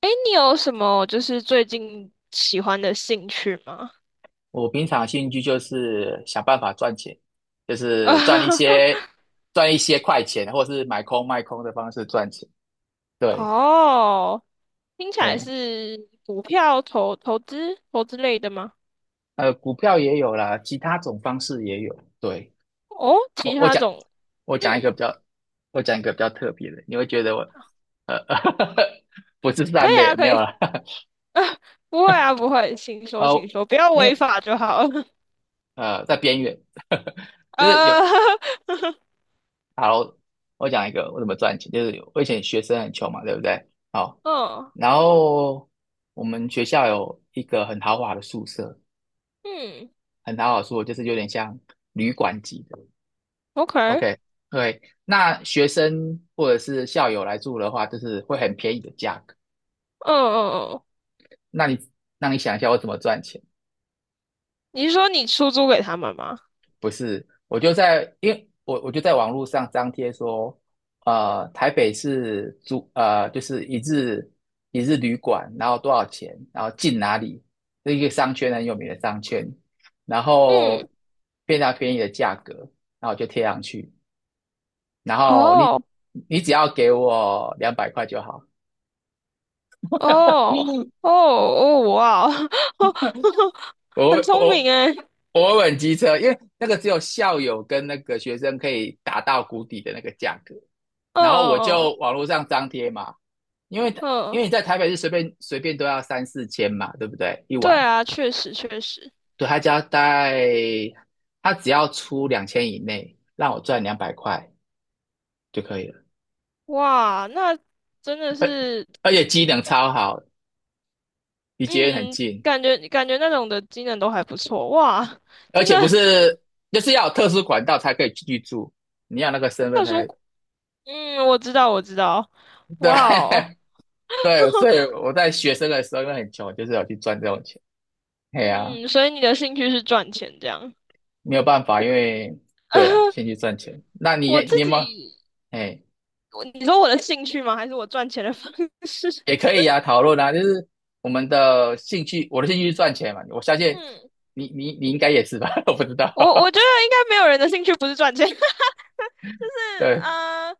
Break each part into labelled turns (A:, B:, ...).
A: 哎，你有什么就是最近喜欢的兴趣吗？
B: 我平常兴趣就是想办法赚钱，就是赚一些 快钱，或是买空卖空的方式赚钱。对，
A: 哦，听起来
B: 哎，
A: 是股票投资类的吗？
B: 股票也有啦，其他种方式也有。对，
A: 哦，其
B: 我我
A: 他
B: 讲
A: 种，
B: 我讲一个
A: 嗯，
B: 比较，我讲一个比较特别的，你会觉得我呃 不是
A: 可
B: 善
A: 以啊，
B: 类，没
A: 可
B: 有
A: 以，
B: 啦。
A: 不会啊，不会，请 说，请
B: 哦，
A: 说，不要
B: 因为
A: 违法就好了。
B: 在边缘，就是有。
A: 呃，
B: 好，我讲一个我怎么赚钱，就是我以前学生很穷嘛，对不对？好，
A: 嗯
B: 然后我们学校有一个很豪华的宿舍，
A: 嗯
B: 很豪华的宿舍就是有点像旅馆级的。
A: ，OK，嗯
B: OK，对，那学生或者是校友来住的话，就是会很便宜的价格。
A: 嗯嗯，
B: 那你那你想一下，我怎么赚钱？
A: 你是说你出租给他们吗？
B: 不是，我就在，因为我就在网络上张贴说，台北市租就是一日旅馆，然后多少钱，然后进哪里，是一个商圈很有名的商圈，然后
A: 嗯，
B: 非常便宜的价格，然后我就贴上去，然后你
A: 哦。
B: 你只要给我两百块就好，
A: 哦
B: 嗯
A: 哦哦，哇哦，
B: 我
A: 很聪
B: 我
A: 明诶。
B: 我会很机车，因为那个只有校友跟那个学生可以打到谷底的那个价格。
A: 嗯
B: 然后我
A: 嗯
B: 就
A: 嗯
B: 网络上张贴嘛，因为
A: 嗯，
B: 因为
A: 嗯
B: 你在台北是随便都要三四千嘛，对不对？一
A: 对
B: 晚，
A: 啊，确实确实，
B: 对他只要带，他只要出2000以内，让我赚两百块就可以了，
A: 哇，那真的是，
B: 而且机能超好，离捷运很
A: 嗯，
B: 近，
A: 感觉那种的技能都还不错，哇，
B: 而
A: 真的
B: 且不是就是要有特殊管道才可以去住，你要那个身份
A: 特
B: 才
A: 殊，嗯，我知道我知道，哇哦，
B: 对。 对，所以我在学生的时候因为很穷，就是有去赚这种钱，哎呀、啊
A: 嗯，所以你的兴趣是赚钱这样，
B: 没有办法，因为对了，先去赚钱。那你
A: 我
B: 你
A: 自
B: 有没有？
A: 己，
B: 哎，
A: 你说我的兴趣吗？还是我赚钱的方式？
B: 也可以呀、讨论啊，就是我们的兴趣，我的兴趣是赚钱嘛，我相 信
A: 嗯，
B: 你应该也是吧，我不知道，
A: 我觉得应该没有人的兴趣不是赚钱。是
B: 对，
A: 啊，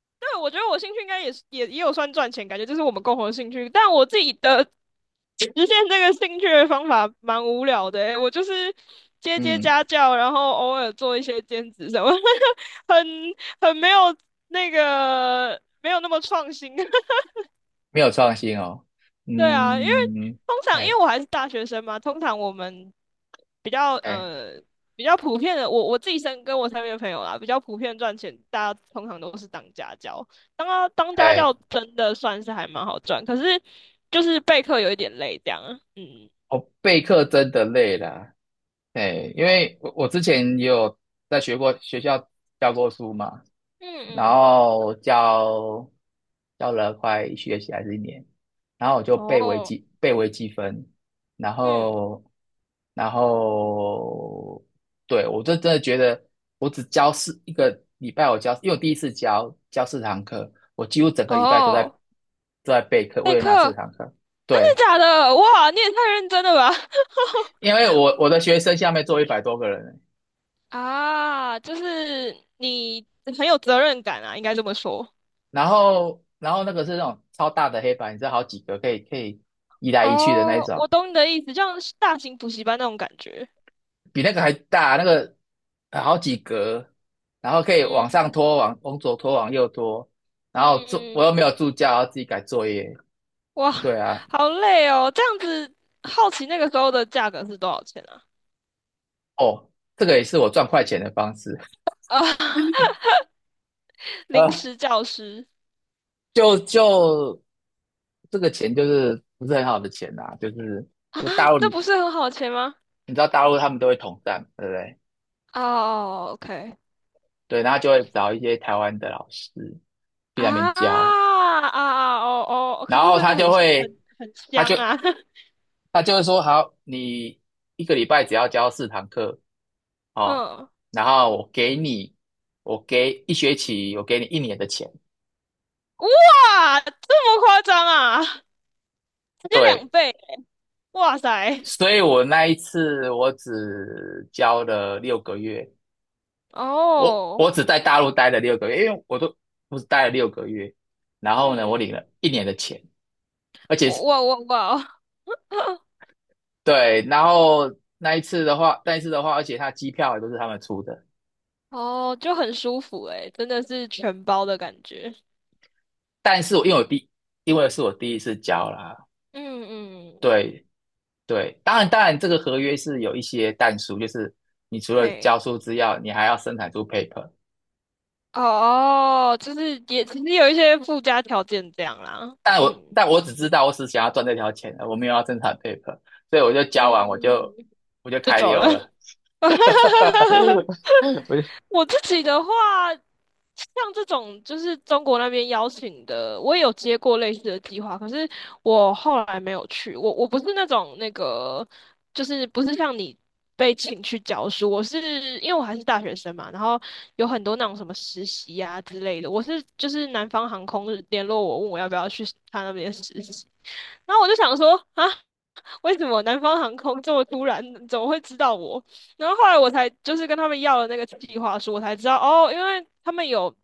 A: 对，我觉得我兴趣应该也是也有算赚钱，感觉这是我们共同的兴趣。但我自己的实现这个兴趣的方法蛮无聊的欸我就是接
B: 嗯，
A: 家教，然后偶尔做一些兼职什么，很很没有那个没有那么创新。
B: 没有创新哦，
A: 对啊，
B: 嗯，
A: 通常因
B: 哎
A: 为我还是大学生嘛，通常我们比较
B: 哎
A: 呃比较普遍的，我自己跟我身边的朋友啦，比较普遍赚钱，大家通常都是当家教。当家
B: 哎，
A: 教真的算是还蛮好赚，可是就是备课有一点累这样啊。嗯，
B: 我备课真的累了，哎，因为我之前也有在学过学校教过书嘛，
A: 嗯嗯
B: 然
A: 嗯，
B: 后教了快一学期还是一年，然后我就
A: 哦，
B: 背微积分，然
A: 嗯
B: 后然后对我就真的觉得我只教一个礼拜，我教因为我第一次教四堂课，我几乎整个礼拜都在
A: 哦，
B: 备课，
A: 备
B: 为了
A: 课
B: 那四
A: 真
B: 堂课。对，
A: 的假的？哇，你也太认真了吧！
B: 因为我的学生下面坐100多个人，
A: 啊，就是你很有责任感啊，应该这么说。
B: 然后那个是那种超大的黑板，你知道好几个可以移来移去的那一
A: 哦，
B: 种。
A: 我懂你的意思，就像是大型补习班那种感觉。
B: 比那个还大，那个好几格，然后可以往
A: 嗯
B: 上拖，往左拖，往右拖，然后
A: 嗯
B: 做我又没有
A: 嗯，
B: 助教，要自己改作业。
A: 哇，
B: 对啊，
A: 好累哦！这样子，好奇那个时候的价格是多少钱啊？
B: 哦，这个也是我赚快钱的方式。
A: 啊，临
B: 呃，
A: 时教师
B: 就就这个钱就是不是很好的钱啦、就是
A: 啊，
B: 大陆
A: 这不是很好的钱吗？
B: 你知道大陆他们都会统战，对不对？
A: 哦，OK，
B: 对，然后就会找一些台湾的老师去那
A: 啊
B: 边教，
A: 啊啊，哦哦，可
B: 然
A: 是
B: 后
A: 真
B: 他
A: 的很
B: 就会，
A: 很很
B: 他就
A: 香啊！
B: 他就会说好，你一个礼拜只要教四堂课 哦，
A: 嗯，
B: 然后我给你，我给一学期，我给你一年的钱。
A: 哇，这么夸张啊？直接两
B: 对，
A: 倍，哇塞！
B: 所以我那一次我只教了六个月，我
A: 哦，
B: 我只在大陆待了六个月，因为我都不是待了六个月，然后呢，我
A: 嗯，
B: 领了一年的钱，而且是
A: 哇哇哇我。
B: 对，然后那一次的话，而且他机票也都是他们出的，
A: 哦，就很舒服诶，真的是全包的感觉。
B: 但是我因为我第因为是我第一次教啦，
A: 嗯嗯，
B: 对，对，当然，当然，这个合约是有一些但书，就是你除了交
A: 嘿，
B: 出资料，你还要生产出 paper。
A: 哦，就是也其实有一些附加条件这样啦。嗯
B: 但我只知道我只想要赚这条钱，我没有要生产 paper，所以我就交完
A: 嗯，
B: 我就
A: 就
B: 开
A: 走了。
B: 溜了。我就
A: 我自己的话，像这种就是中国那边邀请的，我也有接过类似的计划，可是我后来没有去。我不是那种那个，就是不是像你被请去教书，因为我还是大学生嘛，然后有很多那种什么实习呀、之类的。就是南方航空联络我，问我要不要去他那边实习，然后我就想说啊，为什么南方航空这么突然，怎么会知道我？然后后来我才就是跟他们要了那个计划书，我才知道哦，因为他们有，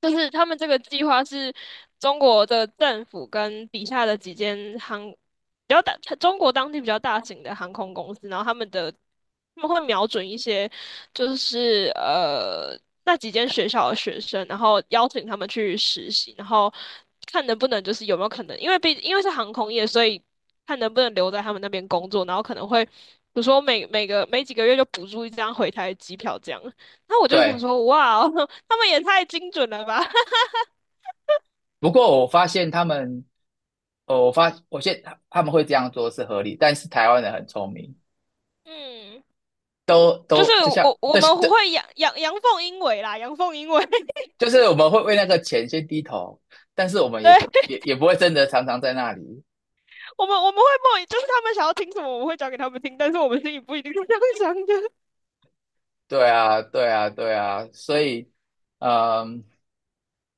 A: 就是他们这个计划是中国的政府跟底下的几间比较大，中国当地比较大型的航空公司，然后他们会瞄准一些就是那几间学校的学生，然后邀请他们去实习，然后看能不能就是有没有可能，因为是航空业，所以。看能不能留在他们那边工作，然后可能会，比如说每几个月就补助一张回台的机票这样。那我就想
B: 对，
A: 说，哇哦 他们也太精准了吧！
B: 不过我发现他们，哦，我现他们会这样做是合理，但是台湾人很聪明，
A: 嗯，就是
B: 都就像
A: 我们
B: 这
A: 会阳阳阳奉阴违啦，阳奉阴违。
B: 就是我们会为那个钱先低头，但是我们
A: 对，
B: 也不会真的常常在那里。
A: 我们我们会默，就是他们想要听什么，我们会讲给他们听，但是我们心里不一定是这样想的。
B: 对啊，对啊，对啊，所以，嗯，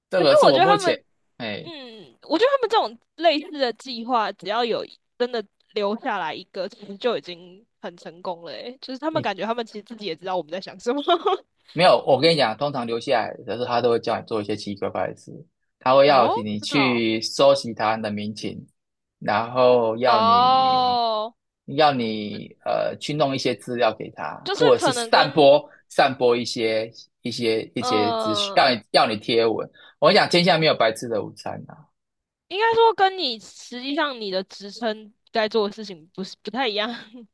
B: 这
A: 可是
B: 个是
A: 我
B: 我
A: 觉得
B: 目
A: 他们
B: 前，哎，
A: 嗯，我觉得他们这种类似的计划，只要有真的留下来一个，其实就已经很成功了诶就是他们
B: 你
A: 感觉他们其实自己也知道我们在想什么。
B: 没有，我跟你讲，通常留下来的时候，他都会叫你做一些奇奇怪怪的事，他会要
A: 哦，
B: 你
A: 真的哦，
B: 去收集他人的民情，然后
A: 哦，
B: 要你去弄一些资料给他，
A: 就是
B: 或者是
A: 可能跟
B: 散播一些一些资讯，
A: 呃，
B: 让你要你贴文。我跟你讲，天下没有白吃的午餐啊。
A: 应该说跟你实际上你的职称该做的事情不是不太一样。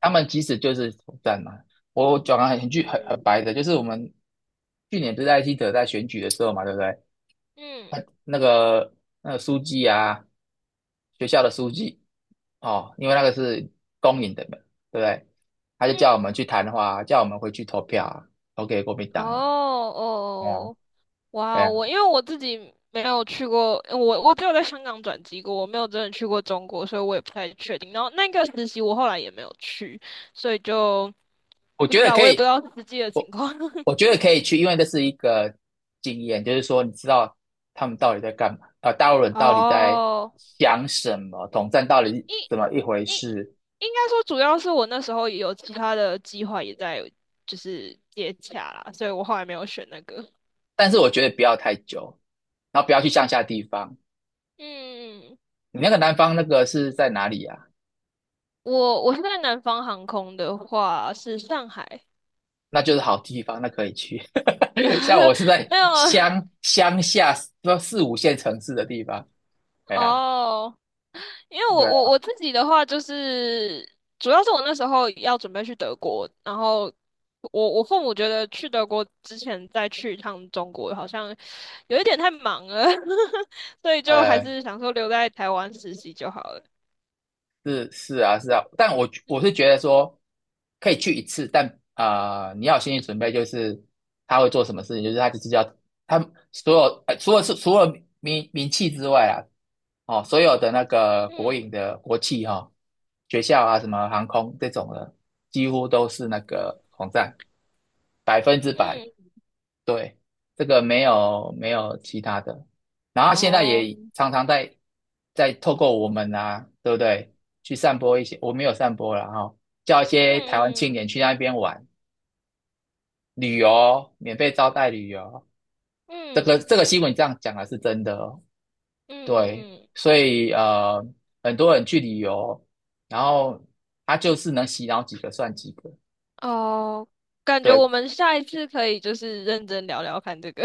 B: 他们其实就是统战嘛。我讲得很句很
A: 嗯
B: 白的，就是我们去年不是艾希特在选举的时候嘛，对不对？
A: 嗯
B: 他那个书记啊，学校的书记哦，因为那个是公营的嘛，对不对？他就叫我
A: 嗯，
B: 们去谈话啊，叫我们回去投票啊，投给国民
A: 哦
B: 党啊。对啊，
A: 哦哇
B: 对
A: 哦，
B: 啊，
A: 因为我自己没有去过，我只有在香港转机过，我没有真的去过中国，所以我也不太确定。然后那个实习我后来也没有去，所以就
B: 我
A: 不
B: 觉
A: 知
B: 得
A: 道，
B: 可
A: 我也不知
B: 以。
A: 道实际的
B: 我。
A: 情况。
B: 我觉得可以去，因为这是一个经验，就是说你知道他们到底在干嘛，大陆人到底在
A: 哦，
B: 想什么，统战到
A: 应
B: 底怎么一回
A: 应
B: 事。
A: 应该说，主要是我那时候也有其他的计划也在就是接洽啦，所以我后来没有选那个。
B: 但是我觉得不要太久，然后不要去乡下地方。
A: 嗯，
B: 你那个南方那个是在哪里啊？
A: 我是在南方航空的话是上海，
B: 那就是好地方，那可以去。像我是 在
A: 没有
B: 乡下，说四五线城市的地方。哎呀，
A: 哦。因为
B: 对啊，
A: 我自己的话，就是主要是我那时候要准备去德国，然后我父母觉得去德国之前再去一趟中国好像有一点太忙了，所以就还
B: 呃，
A: 是想说留在台湾实习就好了。
B: 是是啊是啊，但我是觉
A: 嗯
B: 得说可以去一次，但啊、你要有心理准备，就是他会做什么事情，就是他就是要他所有、除了名气之外啊，哦，所有的那个国
A: 嗯
B: 营的国企哈、哦，学校啊什么航空这种的，几乎都是那个网站100%
A: 嗯，
B: 对，这个没有其他的，然后他现在
A: 哦，
B: 也常常在透过我们啊，对不对？去散播一些，我没有散播了哈、叫一些台湾
A: 嗯
B: 青
A: 嗯
B: 年去那边玩旅游，免费招待旅游。
A: 嗯
B: 这个新闻这样讲的是真的哦，
A: 嗯
B: 对，
A: 嗯嗯，
B: 所以很多人去旅游，然后他就是能洗脑几个算几个，
A: 哦，感觉我
B: 对，
A: 们下一次可以就是认真聊聊看这个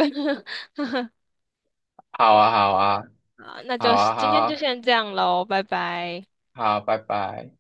B: 好啊，好啊，
A: 啊，那
B: 好
A: 就
B: 啊，好
A: 今天就
B: 啊，
A: 先这样喽，拜拜。
B: 好啊，拜拜。